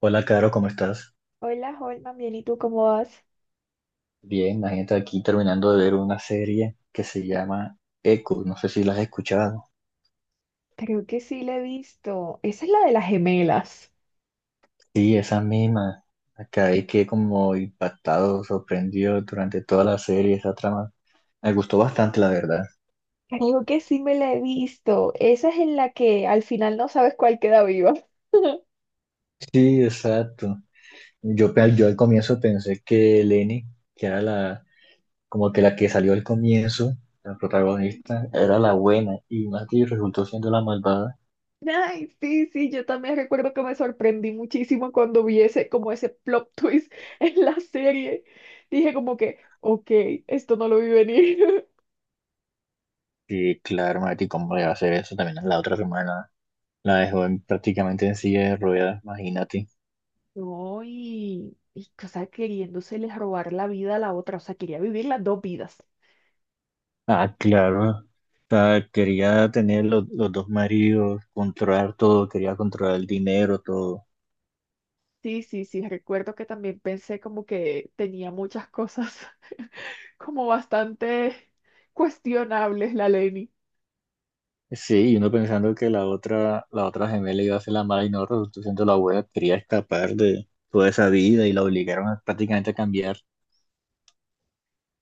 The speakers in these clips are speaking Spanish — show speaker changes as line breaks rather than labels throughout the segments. Hola, Caro, ¿cómo estás?
Hola, Holman, bien, ¿y tú cómo vas?
Bien, imagínate aquí terminando de ver una serie que se llama Echo, no sé si la has escuchado.
Creo que sí la he visto. Esa es la de las gemelas.
Sí, esa misma. Acabé que como impactado, sorprendido durante toda la serie, esa trama. Me gustó bastante, la verdad.
Creo que sí me la he visto. Esa es en la que al final no sabes cuál queda viva.
Sí, exacto. Yo al comienzo pensé que Lenny, que era la, como que la que salió al comienzo, la protagonista, era la buena y Mati resultó siendo la malvada.
Ay, sí, sí, yo también recuerdo que me sorprendí muchísimo cuando vi ese, como ese plot twist en la serie. Dije como que, ok, esto no lo vi venir.
Sí, claro, Mati, ¿cómo le va a hacer eso también a la otra hermana? La dejó prácticamente en silla de ruedas, imagínate.
No, y o sea, queriéndosele robar la vida a la otra, o sea, quería vivir las dos vidas.
Ah, claro. O sea, quería tener los dos maridos, controlar todo, quería controlar el dinero, todo.
Sí, sí, sí, recuerdo que también pensé como que tenía muchas cosas como bastante cuestionables la Leni.
Sí, y uno pensando que la otra gemela iba a ser la mala y no resultó siendo la buena, quería escapar de toda esa vida y la obligaron prácticamente a cambiar.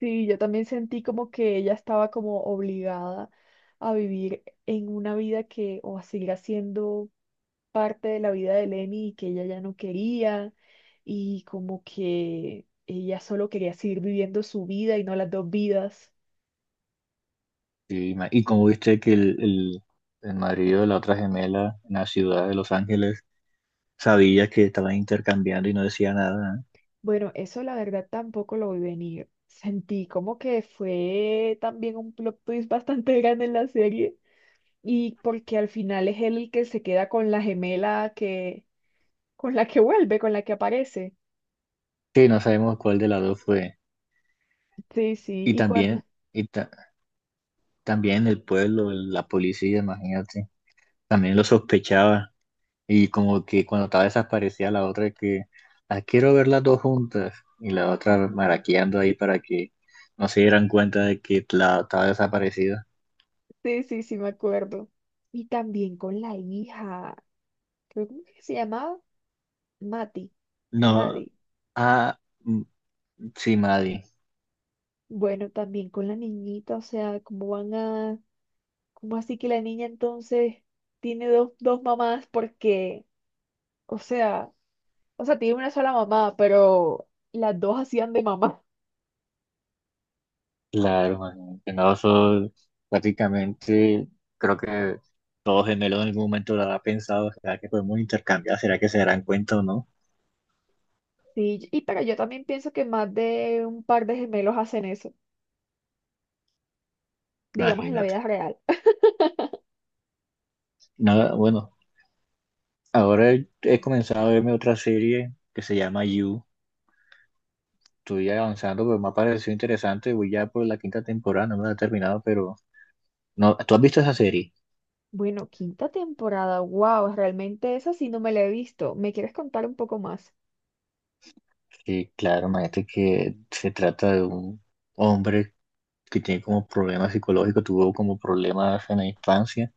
Sí, yo también sentí como que ella estaba como obligada a vivir en una vida que, o a seguir haciendo parte de la vida de Lenny y que ella ya no quería, y como que ella solo quería seguir viviendo su vida y no las dos vidas.
Sí, Y, como viste que el marido de la otra gemela en la ciudad de Los Ángeles sabía que estaban intercambiando y no decía nada, ¿eh?
Bueno, eso la verdad tampoco lo vi venir. Sentí como que fue también un plot twist bastante grande en la serie y porque al final es él el que se queda con la gemela que con la que vuelve, con la que aparece.
Sí, no sabemos cuál de las dos fue.
Sí,
Y
sí, y cuando
también, y ta- también el pueblo, la policía, imagínate, también lo sospechaba. Y como que cuando estaba desaparecida la otra que, "Ah, quiero ver las dos juntas". Y la otra maraqueando ahí para que no se dieran cuenta de que la estaba desaparecida.
sí, sí, sí me acuerdo. Y también con la hija, creo que se llamaba Mati,
No,
Madi.
ah, mm, sí, Maddie.
Bueno, también con la niñita, o sea, cómo van a, cómo así que la niña entonces tiene dos, dos mamás porque o sea, o sea, tiene una sola mamá, pero las dos hacían de mamá.
Claro, imagínate, no, eso prácticamente creo que todos gemelos en algún momento lo habrá pensado. ¿Será que podemos intercambiar? ¿Será que se darán cuenta o no?
Sí, y pero yo también pienso que más de un par de gemelos hacen eso, digamos en la
Imagínate.
vida real.
Nada, bueno. Ahora he comenzado a verme otra serie que se llama You. Estoy avanzando, pero me ha parecido interesante. Voy ya por la quinta temporada, no me la he terminado, pero no, ¿tú has visto esa serie?
Bueno, quinta temporada, wow, realmente esa sí no me la he visto. ¿Me quieres contar un poco más?
Sí, claro, imagínate que se trata de un hombre que tiene como problemas psicológicos, tuvo como problemas en la infancia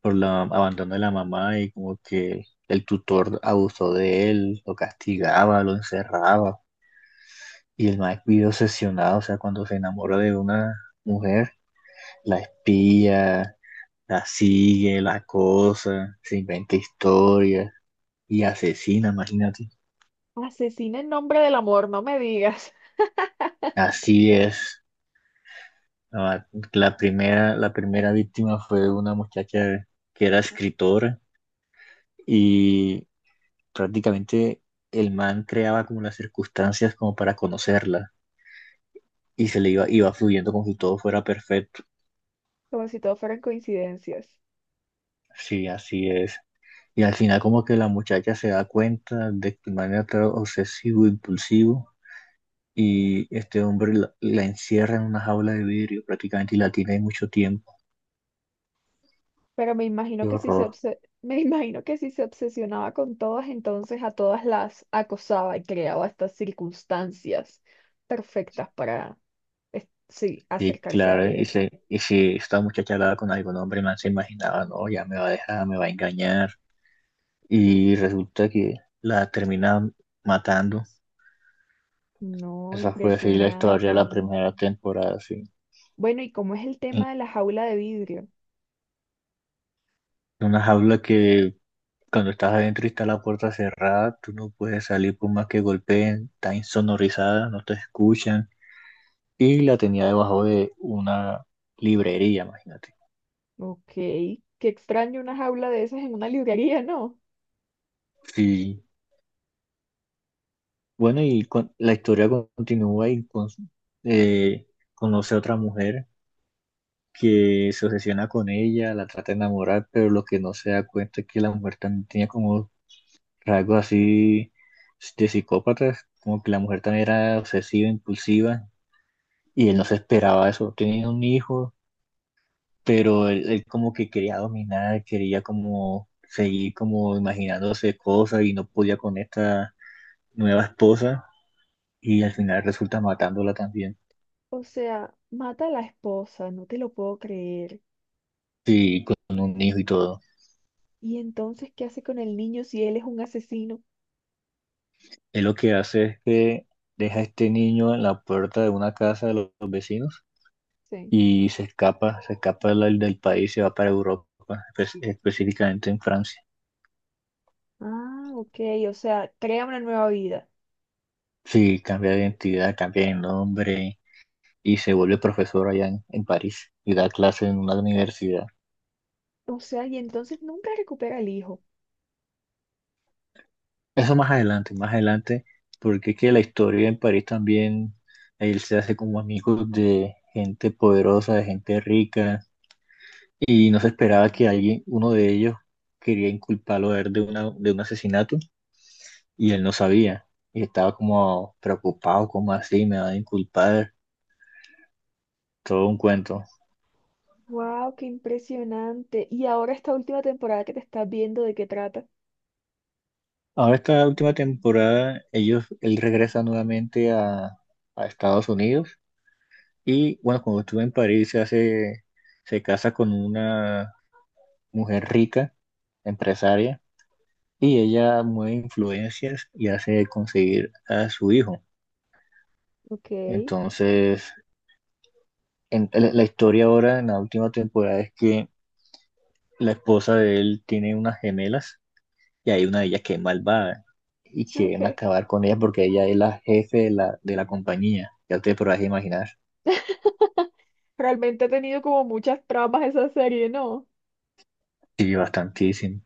por la abandono de la mamá y como que el tutor abusó de él, lo castigaba, lo encerraba y el más vive obsesionado. O sea, cuando se enamora de una mujer, la espía, la sigue, la cosa, se inventa historias y asesina, imagínate.
Asesina en nombre del amor, no me digas.
Así es. La, la primera víctima fue una muchacha que era escritora y prácticamente el man creaba como las circunstancias como para conocerla y se le iba fluyendo como si todo fuera perfecto.
Como si todo fueran coincidencias.
Sí, así es. Y al final como que la muchacha se da cuenta de que el man era tan obsesivo, impulsivo y este hombre la encierra en una jaula de vidrio prácticamente y la tiene mucho tiempo.
Pero me imagino
Qué
que si
horror.
me imagino que si se obsesionaba con todas, entonces a todas las acosaba y creaba estas circunstancias perfectas para sí,
Y
acercarse a
claro,
ellas.
y si esta muchacha hablaba con algún hombre, más se imaginaba, no, ya me va a dejar, me va a engañar. Y resulta que la termina matando.
No,
Esa fue así la historia de la
impresionante.
primera temporada, sí.
Bueno, ¿y cómo es el
En
tema de la jaula de vidrio?
una jaula que cuando estás adentro y está la puerta cerrada, tú no puedes salir por más que golpeen, está insonorizada, no te escuchan, y la tenía debajo de una librería, imagínate.
Ok, qué extraño una jaula de esas en una librería, ¿no?
Sí. Bueno, y la historia continúa y eh, conoce a otra mujer que se obsesiona con ella, la trata de enamorar, pero lo que no se da cuenta es que la mujer también tenía como rasgos así de psicópatas, como que la mujer también era obsesiva, impulsiva, y él no se esperaba eso. Tenía un hijo, pero él como que quería dominar, quería como seguir como imaginándose cosas y no podía con esta nueva esposa y al final resulta matándola también,
O sea, mata a la esposa, no te lo puedo creer.
sí, con un hijo y todo.
¿Y entonces qué hace con el niño si él es un asesino?
Él lo que hace es que deja a este niño en la puerta de una casa de los vecinos
Sí.
y se escapa del país, se va para Europa, específicamente en Francia.
Ah, ok, o sea, crea una nueva vida.
Sí, cambia de identidad, cambia de nombre y se vuelve profesor allá en París y da clases en una universidad.
O sea, y entonces nunca recupera al hijo.
Eso más adelante, porque es que la historia en París también, él se hace como amigos de gente poderosa, de gente rica, y no se esperaba que alguien, uno de ellos, quería inculparlo a él de una, de un asesinato, y él no sabía, y estaba como preocupado, como así, me va a inculpar, todo un cuento.
Wow, qué impresionante. Y ahora esta última temporada que te estás viendo, ¿de qué trata?
Ahora esta última temporada, ellos, él regresa nuevamente a Estados Unidos, y bueno, cuando estuvo en París se hace, se casa con una mujer rica, empresaria, y ella mueve influencias y hace conseguir a su hijo.
Ok,
Entonces, la historia ahora en la última temporada es que la esposa de él tiene unas gemelas y hay una de ellas que es malvada y quieren
ok.
acabar con ella porque ella es la jefe de la compañía. Ya te podrás imaginar.
Realmente ha tenido como muchas tramas esa serie, ¿no?
Sí, bastantísimo.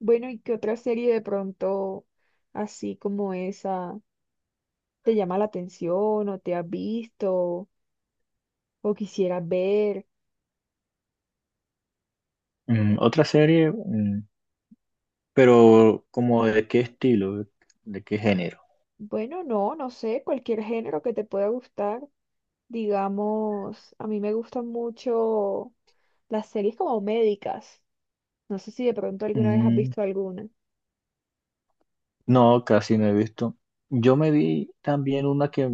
Bueno, ¿y qué otra serie de pronto así como esa te llama la atención o te has visto o quisieras ver?
Mm, otra serie, mm, pero como de qué estilo, de qué género.
Bueno, no, no sé, cualquier género que te pueda gustar. Digamos, a mí me gustan mucho las series como médicas. No sé si de pronto alguna vez has
Mm,
visto alguna.
no, casi no he visto. Yo me vi también una que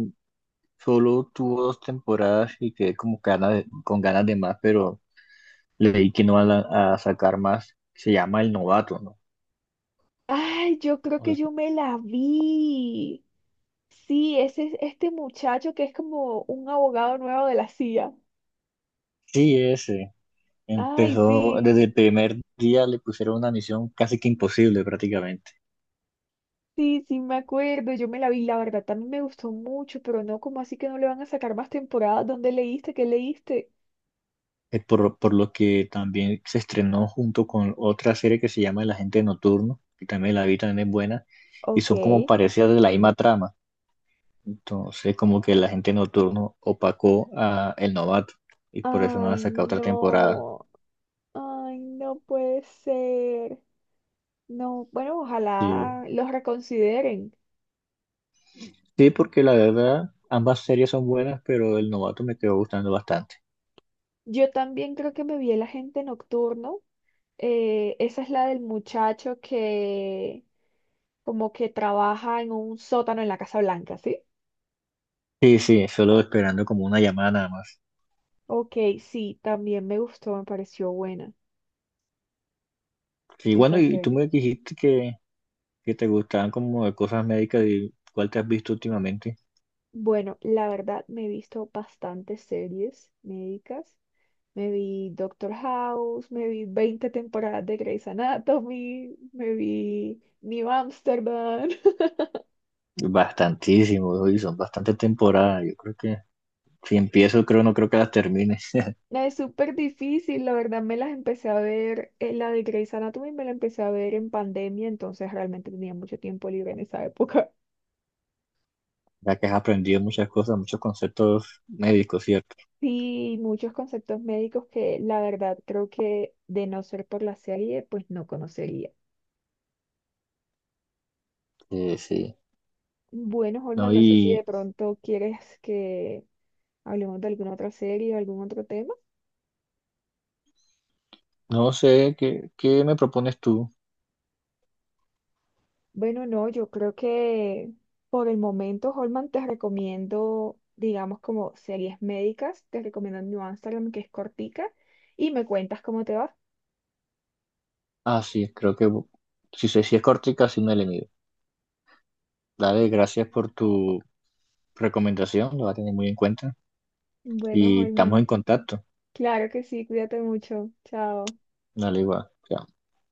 solo tuvo dos temporadas y quedé como con ganas de más, pero leí que no van a sacar más. Se llama El Novato, ¿no?
Ay, yo creo
O
que yo
sea,
me la vi. Sí, ese es este muchacho que es como un abogado nuevo de la CIA.
sí, ese.
Ay,
Empezó
sí,
desde el primer día, le pusieron una misión casi que imposible prácticamente.
sí, sí, me acuerdo. Yo me la vi, la verdad, también me gustó mucho, pero no, como así que no le van a sacar más temporadas? ¿Dónde leíste? ¿Qué leíste?
Es por lo que también se estrenó junto con otra serie que se llama El Agente Nocturno, que también la vi, también es buena, y
Ok.
son como parecidas de la misma trama. Entonces, como que la gente nocturno opacó a El Novato y por eso no han
Ay,
sacado otra temporada.
no. Ay, no puede ser. No, bueno,
Sí.
ojalá los reconsideren.
Sí, porque la verdad, ambas series son buenas, pero El Novato me quedó gustando bastante.
Yo también creo que me vi el agente nocturno. Esa es la del muchacho que como que trabaja en un sótano en la Casa Blanca, ¿sí?
Sí, sí, solo esperando como una llamada nada más.
Ok, sí, también me gustó, me pareció buena
Sí, bueno,
esa
y tú
serie.
me dijiste que te gustaban como de cosas médicas y cuál te has visto últimamente.
Bueno, la verdad me he visto bastantes series médicas. Me vi Doctor House, me vi 20 temporadas de Grey's Anatomy, me vi New Amsterdam.
Bastantísimo, y son bastantes temporadas. Yo creo que si empiezo, creo, no creo que las termine.
La es súper difícil, la verdad me las empecé a ver, la de Grey's Anatomy me la empecé a ver en pandemia, entonces realmente tenía mucho tiempo libre en esa época.
Ya que has aprendido muchas cosas, muchos conceptos médicos, ¿cierto?
Sí, muchos conceptos médicos que la verdad creo que de no ser por la serie, pues no conocería.
Sí, sí.
Bueno,
No,
Holman, no sé si de
y
pronto quieres que hablemos de alguna otra serie o algún otro tema.
no sé, ¿qué, qué me propones tú?
Bueno, no, yo creo que por el momento, Holman, te recomiendo, digamos, como series médicas, te recomiendo New Amsterdam, que es cortica, y me cuentas cómo te va.
Ah, sí, creo que si, sé, si es cortica, sí me le mido. Dale, gracias por tu recomendación, lo va a tener muy en cuenta.
Bueno,
Y estamos
Holman,
en contacto.
claro que sí, cuídate mucho. Chao.
Dale, igual. Chao.